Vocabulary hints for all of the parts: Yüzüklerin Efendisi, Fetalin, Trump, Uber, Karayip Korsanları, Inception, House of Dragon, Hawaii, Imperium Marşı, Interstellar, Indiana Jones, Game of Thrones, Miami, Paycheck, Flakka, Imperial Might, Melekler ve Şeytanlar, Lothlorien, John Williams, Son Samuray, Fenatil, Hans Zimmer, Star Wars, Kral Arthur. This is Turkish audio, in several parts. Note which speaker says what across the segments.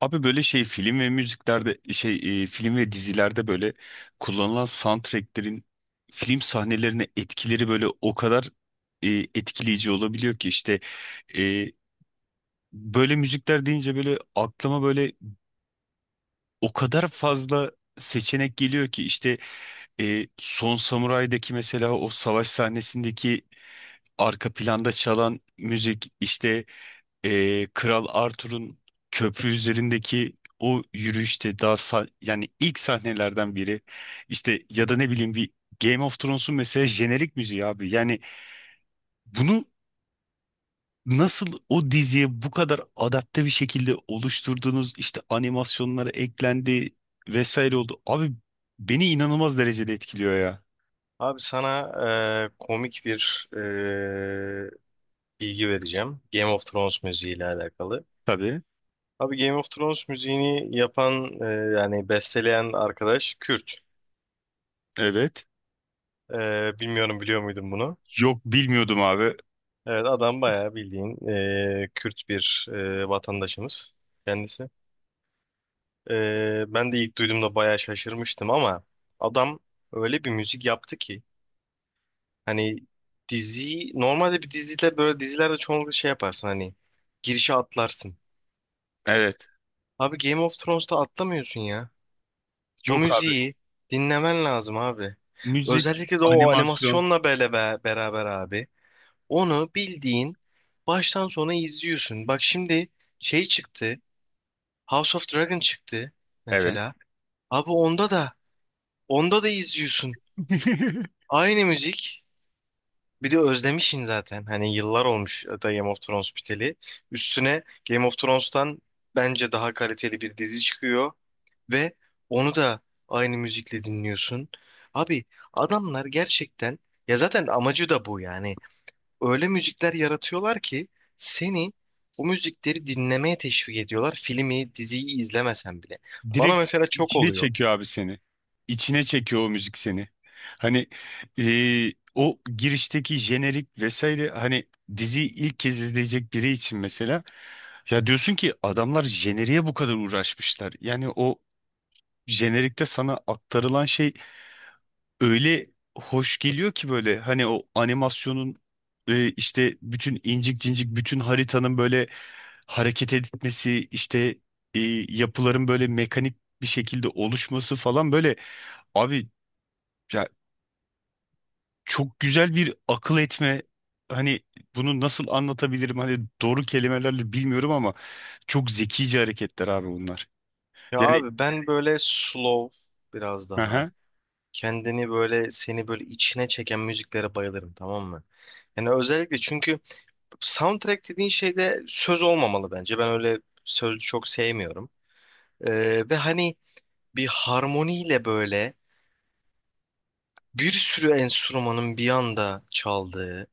Speaker 1: Abi böyle film ve müziklerde film ve dizilerde böyle kullanılan soundtracklerin film sahnelerine etkileri böyle o kadar e, etkileyici olabiliyor ki işte e, böyle müzikler deyince böyle aklıma böyle o kadar fazla seçenek geliyor ki işte Son Samuray'daki mesela o savaş sahnesindeki arka planda çalan müzik işte Kral Arthur'un köprü üzerindeki o yürüyüşte yani ilk sahnelerden biri işte ya da ne bileyim bir Game of Thrones'un mesela jenerik müziği abi yani bunu nasıl o diziye bu kadar adapte bir şekilde oluşturduğunuz işte animasyonlara eklendi vesaire oldu abi beni inanılmaz derecede etkiliyor ya.
Speaker 2: Abi sana komik bir bilgi vereceğim. Game of Thrones müziği ile alakalı.
Speaker 1: Tabii.
Speaker 2: Abi Game of Thrones müziğini yapan yani besteleyen arkadaş Kürt.
Speaker 1: Evet.
Speaker 2: Bilmiyorum biliyor muydun bunu?
Speaker 1: Yok bilmiyordum abi.
Speaker 2: Evet, adam bayağı bildiğin Kürt bir vatandaşımız kendisi. Ben de ilk duyduğumda bayağı şaşırmıştım ama adam öyle bir müzik yaptı ki hani dizi normalde bir dizide böyle dizilerde çoğunlukla şey yaparsın, hani girişe atlarsın.
Speaker 1: Evet.
Speaker 2: Abi Game of Thrones'ta atlamıyorsun ya. O
Speaker 1: Yok abi.
Speaker 2: müziği dinlemen lazım abi.
Speaker 1: Müzik.
Speaker 2: Özellikle de o
Speaker 1: Animasyon.
Speaker 2: animasyonla böyle beraber abi. Onu bildiğin baştan sona izliyorsun. Bak şimdi şey çıktı. House of Dragon çıktı
Speaker 1: Evet.
Speaker 2: mesela. Abi onda da onda da izliyorsun. Aynı müzik. Bir de özlemişsin zaten. Hani yıllar olmuş da Game of Thrones biteli. Üstüne Game of Thrones'tan bence daha kaliteli bir dizi çıkıyor. Ve onu da aynı müzikle dinliyorsun. Abi adamlar gerçekten, ya zaten amacı da bu yani. Öyle müzikler yaratıyorlar ki seni o müzikleri dinlemeye teşvik ediyorlar. Filmi, diziyi izlemesen bile. Bana
Speaker 1: Direkt
Speaker 2: mesela çok
Speaker 1: içine
Speaker 2: oluyor.
Speaker 1: çekiyor abi seni. İçine çekiyor o müzik seni. Hani o girişteki jenerik vesaire, hani diziyi ilk kez izleyecek biri için mesela, ya diyorsun ki adamlar jeneriğe bu kadar uğraşmışlar. Yani o jenerikte sana aktarılan şey öyle hoş geliyor ki, böyle hani o animasyonun işte bütün incik cincik bütün haritanın böyle hareket etmesi işte, e, yapıların böyle mekanik bir şekilde oluşması falan, böyle abi ya çok güzel bir akıl etme, hani bunu nasıl anlatabilirim hani doğru kelimelerle bilmiyorum ama çok zekice hareketler abi bunlar.
Speaker 2: Ya
Speaker 1: Yani
Speaker 2: abi ben böyle slow, biraz daha
Speaker 1: aha.
Speaker 2: kendini böyle seni böyle içine çeken müziklere bayılırım, tamam mı? Yani özellikle çünkü soundtrack dediğin şeyde söz olmamalı bence. Ben öyle sözlü çok sevmiyorum. Ve hani bir harmoniyle böyle bir sürü enstrümanın bir anda çaldığı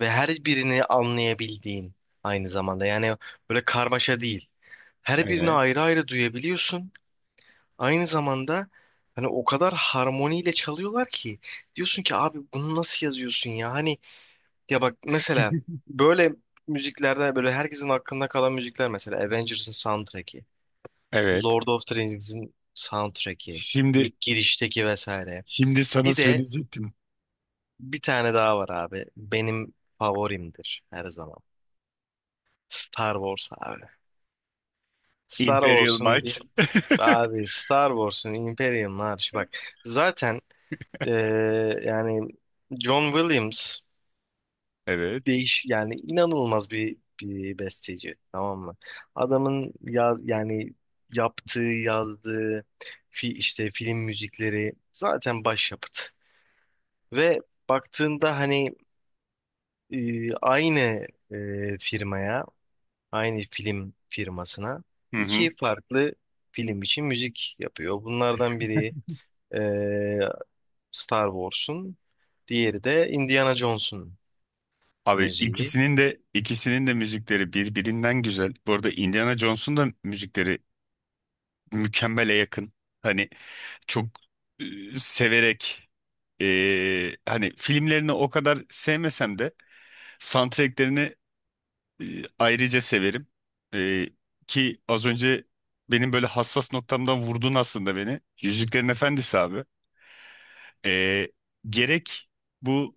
Speaker 2: ve her birini anlayabildiğin aynı zamanda. Yani böyle karmaşa değil. Her birini
Speaker 1: Evet.
Speaker 2: ayrı ayrı duyabiliyorsun. Aynı zamanda hani o kadar harmoniyle çalıyorlar ki diyorsun ki abi bunu nasıl yazıyorsun ya? Hani ya bak mesela böyle müziklerden böyle herkesin aklında kalan müzikler, mesela Avengers'ın soundtrack'i.
Speaker 1: Evet.
Speaker 2: Lord of the Rings'in soundtrack'i,
Speaker 1: Şimdi
Speaker 2: ilk girişteki vesaire.
Speaker 1: şimdi sana
Speaker 2: Bir de
Speaker 1: söyleyecektim.
Speaker 2: bir tane daha var abi. Benim favorimdir her zaman. Star Wars abi. Star
Speaker 1: Imperial
Speaker 2: Wars'un
Speaker 1: Might.
Speaker 2: bir, abi Star Wars'un Imperium Marşı bak. Zaten yani John Williams
Speaker 1: Evet.
Speaker 2: değiş yani inanılmaz bir besteci, tamam mı? Adamın yani yaptığı, yazdığı işte film müzikleri zaten başyapıt. Ve baktığında hani aynı firmaya, aynı film firmasına
Speaker 1: Hı hı.
Speaker 2: iki farklı film için müzik yapıyor. Bunlardan biri e, Star Wars'un, diğeri de Indiana Jones'un
Speaker 1: Abi
Speaker 2: müziği.
Speaker 1: ikisinin de müzikleri birbirinden güzel. Bu arada Indiana Jones'un da müzikleri mükemmele yakın. Hani çok, e, severek, hani filmlerini o kadar sevmesem de soundtracklerini e, ayrıca severim. E, Ki az önce benim böyle hassas noktamdan vurdun aslında beni. Yüzüklerin Efendisi abi. E, Gerek bu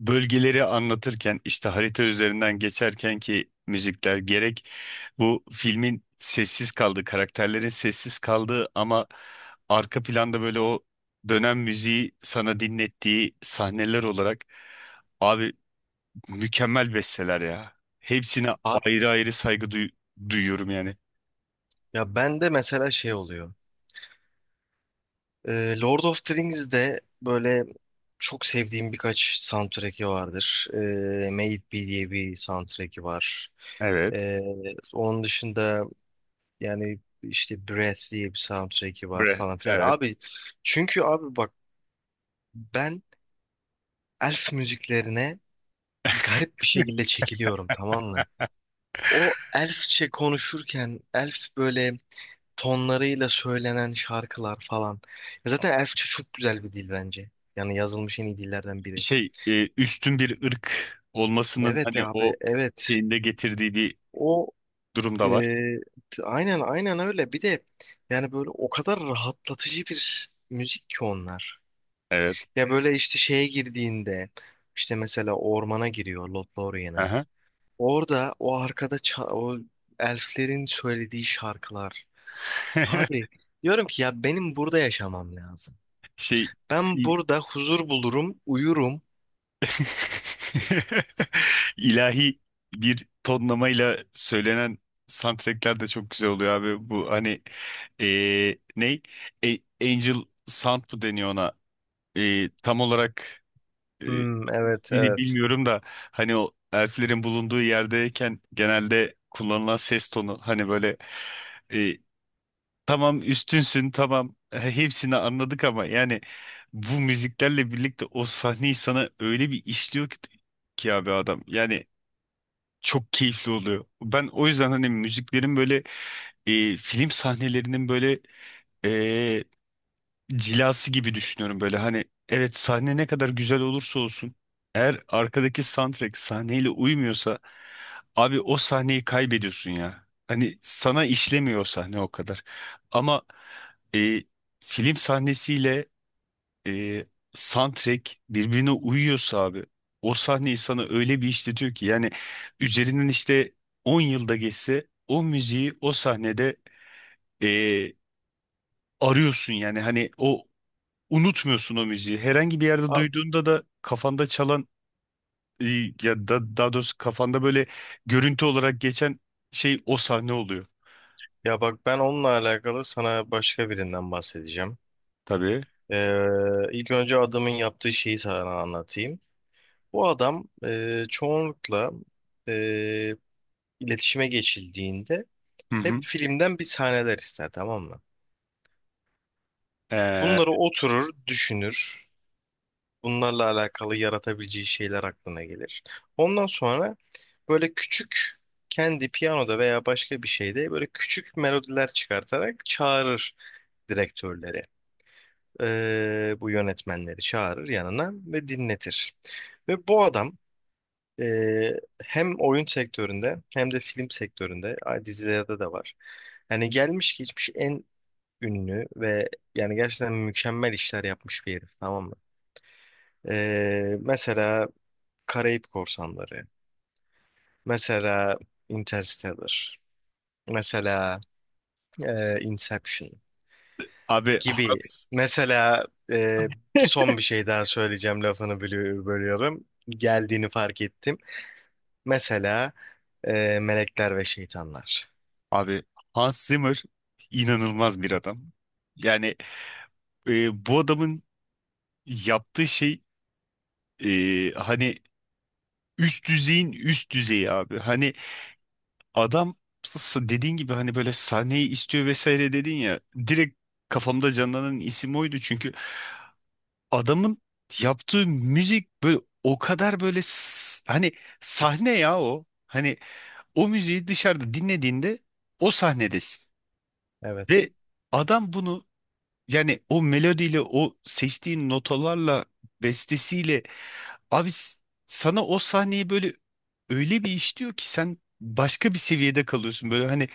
Speaker 1: bölgeleri anlatırken işte harita üzerinden geçerken ki müzikler, gerek bu filmin sessiz kaldığı, karakterlerin sessiz kaldığı ama arka planda böyle o dönem müziği sana dinlettiği sahneler olarak, abi mükemmel besteler ya. Hepsine
Speaker 2: Ha-
Speaker 1: ayrı ayrı duyuyorum yani.
Speaker 2: Ya ben de mesela şey oluyor. Lord of the Rings'de böyle çok sevdiğim birkaç soundtrack'i vardır. Made It Be diye bir soundtrack'i var.
Speaker 1: Evet.
Speaker 2: E, Onun dışında yani işte Breath diye bir soundtrack'i var
Speaker 1: Bre
Speaker 2: falan filan.
Speaker 1: evet.
Speaker 2: Abi, çünkü abi bak, ben elf müziklerine garip bir şekilde çekiliyorum, tamam mı? O elfçe konuşurken elf böyle tonlarıyla söylenen şarkılar falan. Ya zaten elfçe çok güzel bir dil bence. Yani yazılmış en iyi dillerden biri.
Speaker 1: Üstün bir ırk olmasının
Speaker 2: Evet
Speaker 1: hani
Speaker 2: abi,
Speaker 1: o
Speaker 2: evet.
Speaker 1: şeyinde getirdiği bir
Speaker 2: O
Speaker 1: durum
Speaker 2: e,
Speaker 1: da var.
Speaker 2: aynen aynen öyle. Bir de yani böyle o kadar rahatlatıcı bir müzik ki onlar.
Speaker 1: Evet.
Speaker 2: Ya böyle işte şeye girdiğinde, işte mesela ormana giriyor, Lothlorien'e.
Speaker 1: Aha.
Speaker 2: Orada o arkada o elflerin söylediği şarkılar. Abi diyorum ki ya benim burada yaşamam lazım.
Speaker 1: Şey
Speaker 2: Ben
Speaker 1: i-
Speaker 2: burada huzur bulurum, uyurum.
Speaker 1: ilahi bir tonlamayla söylenen soundtrackler de çok güzel oluyor abi. Bu hani ne? E- Angel Sound mı deniyor ona? Tam olarak e,
Speaker 2: Hmm, evet
Speaker 1: ismini
Speaker 2: evet.
Speaker 1: bilmiyorum da hani o elflerin bulunduğu yerdeyken genelde kullanılan ses tonu, hani böyle e, tamam üstünsün tamam, hepsini anladık, ama yani bu müziklerle birlikte o sahneyi sana öyle bir işliyor ki, ki abi adam yani çok keyifli oluyor. Ben o yüzden hani müziklerin böyle, film sahnelerinin böyle e, cilası gibi düşünüyorum. Böyle hani evet, sahne ne kadar güzel olursa olsun, eğer arkadaki soundtrack sahneyle uymuyorsa abi o sahneyi kaybediyorsun ya. Hani sana işlemiyor o sahne o kadar. Ama e, film sahnesiyle e, soundtrack birbirine uyuyorsa abi o sahneyi sana öyle bir işletiyor ki, yani üzerinden işte 10 yılda geçse o müziği o sahnede e, arıyorsun yani. Hani o unutmuyorsun o müziği. Herhangi bir yerde
Speaker 2: Ha-
Speaker 1: duyduğunda da kafanda çalan, e, ya da daha doğrusu kafanda böyle görüntü olarak geçen şey o sahne oluyor.
Speaker 2: Ya bak ben onunla alakalı sana başka birinden bahsedeceğim.
Speaker 1: Tabii.
Speaker 2: Ee, ilk önce adamın yaptığı şeyi sana anlatayım. Bu adam çoğunlukla e, iletişime geçildiğinde
Speaker 1: Hı
Speaker 2: hep
Speaker 1: hı.
Speaker 2: filmden bir sahneler ister, tamam mı?
Speaker 1: Ee,
Speaker 2: Bunları oturur, düşünür. Bunlarla alakalı yaratabileceği şeyler aklına gelir. Ondan sonra böyle küçük kendi piyanoda veya başka bir şeyde böyle küçük melodiler çıkartarak çağırır direktörleri. Bu yönetmenleri çağırır yanına ve dinletir. Ve bu adam e, hem oyun sektöründe hem de film sektöründe, ay, dizilerde de var. Yani gelmiş geçmiş en ünlü ve yani gerçekten mükemmel işler yapmış bir herif, tamam mı? Mesela Karayip Korsanları, mesela Interstellar, mesela Inception
Speaker 1: abi
Speaker 2: gibi.
Speaker 1: Hans.
Speaker 2: Mesela son bir şey daha söyleyeceğim, lafını bölüyorum. Geldiğini fark ettim. Mesela Melekler ve Şeytanlar.
Speaker 1: Abi Hans Zimmer inanılmaz bir adam. Yani bu adamın yaptığı şey hani üst düzeyin üst düzeyi abi. Hani adam, dediğin gibi hani böyle sahneyi istiyor vesaire dedin ya, direkt kafamda canlanan isim oydu çünkü adamın yaptığı müzik böyle o kadar böyle, hani sahne ya o. Hani o müziği dışarıda dinlediğinde o sahnedesin.
Speaker 2: Evet.
Speaker 1: Ve adam bunu, yani o melodiyle, o seçtiğin notalarla, bestesiyle, abi sana o sahneyi böyle öyle bir işliyor ki sen başka bir seviyede kalıyorsun. Böyle hani,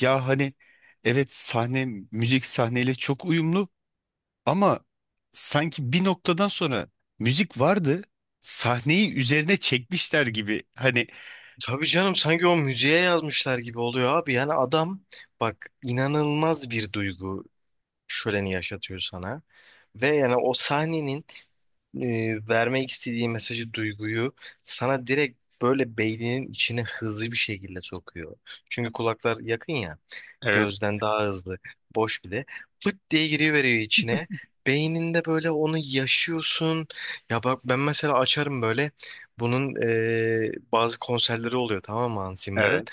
Speaker 1: ya hani evet, sahne müzik sahneyle çok uyumlu ama sanki bir noktadan sonra müzik vardı. Sahneyi üzerine çekmişler gibi. Hani
Speaker 2: Tabii canım, sanki o müziğe yazmışlar gibi oluyor abi. Yani adam, bak, inanılmaz bir duygu şöleni yaşatıyor sana. Ve yani o sahnenin vermek istediği mesajı, duyguyu sana direkt böyle beyninin içine hızlı bir şekilde sokuyor. Çünkü kulaklar yakın ya,
Speaker 1: evet,
Speaker 2: gözden daha hızlı, boş bile. Fıt diye giriveriyor içine. Beyninde böyle onu yaşıyorsun. Ya bak ben mesela açarım böyle. Bunun bazı konserleri oluyor tamam mı, Hans Zimmer'ın?
Speaker 1: evet.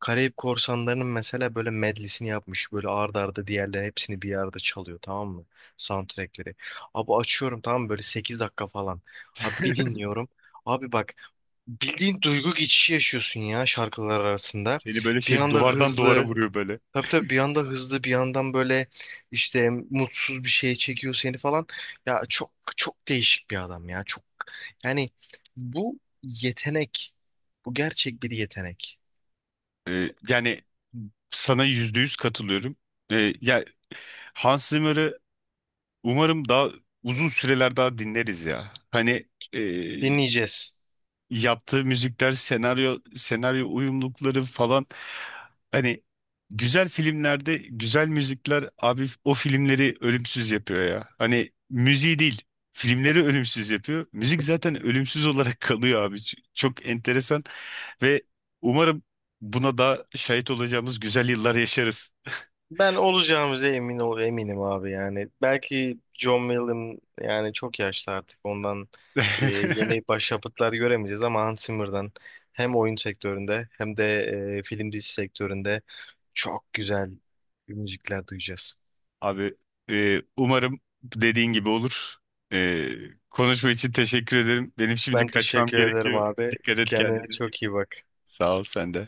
Speaker 2: Karayip Korsanları'nın mesela böyle medlisini yapmış. Böyle arda arda diğerlerin hepsini bir arada çalıyor, tamam mı? Soundtrackleri. Abi açıyorum, tamam mı? Böyle 8 dakika falan. Abi bir dinliyorum. Abi bak, bildiğin duygu geçişi yaşıyorsun ya şarkılar arasında.
Speaker 1: Seni böyle
Speaker 2: Bir
Speaker 1: şey
Speaker 2: anda
Speaker 1: duvardan duvara
Speaker 2: hızlı.
Speaker 1: vuruyor böyle.
Speaker 2: Tabii tabii, bir anda hızlı, bir yandan böyle işte mutsuz bir şeye çekiyor seni falan. Ya çok çok değişik bir adam ya. Çok yani, bu yetenek. Bu gerçek bir yetenek.
Speaker 1: Yani sana yüzde yüz katılıyorum. Ya Hans Zimmer'ı umarım daha uzun süreler daha dinleriz ya. Hani ee,
Speaker 2: Dinleyeceğiz.
Speaker 1: yaptığı müzikler, senaryo uyumlulukları falan, hani güzel filmlerde güzel müzikler abi o filmleri ölümsüz yapıyor ya. Hani müziği değil, filmleri ölümsüz yapıyor. Müzik zaten ölümsüz olarak kalıyor abi. Çok enteresan ve umarım buna da şahit olacağımız güzel yıllar yaşarız.
Speaker 2: Ben olacağımıza emin ol, eminim abi yani. Belki John Wall'ın yani çok yaşlı artık, ondan yeni başyapıtlar göremeyeceğiz ama Hans Zimmer'dan hem oyun sektöründe hem de film dizi sektöründe çok güzel müzikler duyacağız.
Speaker 1: Abi umarım dediğin gibi olur. E, konuşma için teşekkür ederim. Benim şimdi
Speaker 2: Ben
Speaker 1: kaçmam
Speaker 2: teşekkür ederim
Speaker 1: gerekiyor.
Speaker 2: abi.
Speaker 1: Dikkat et
Speaker 2: Kendine
Speaker 1: kendine.
Speaker 2: çok iyi bak.
Speaker 1: Sağ ol sen de.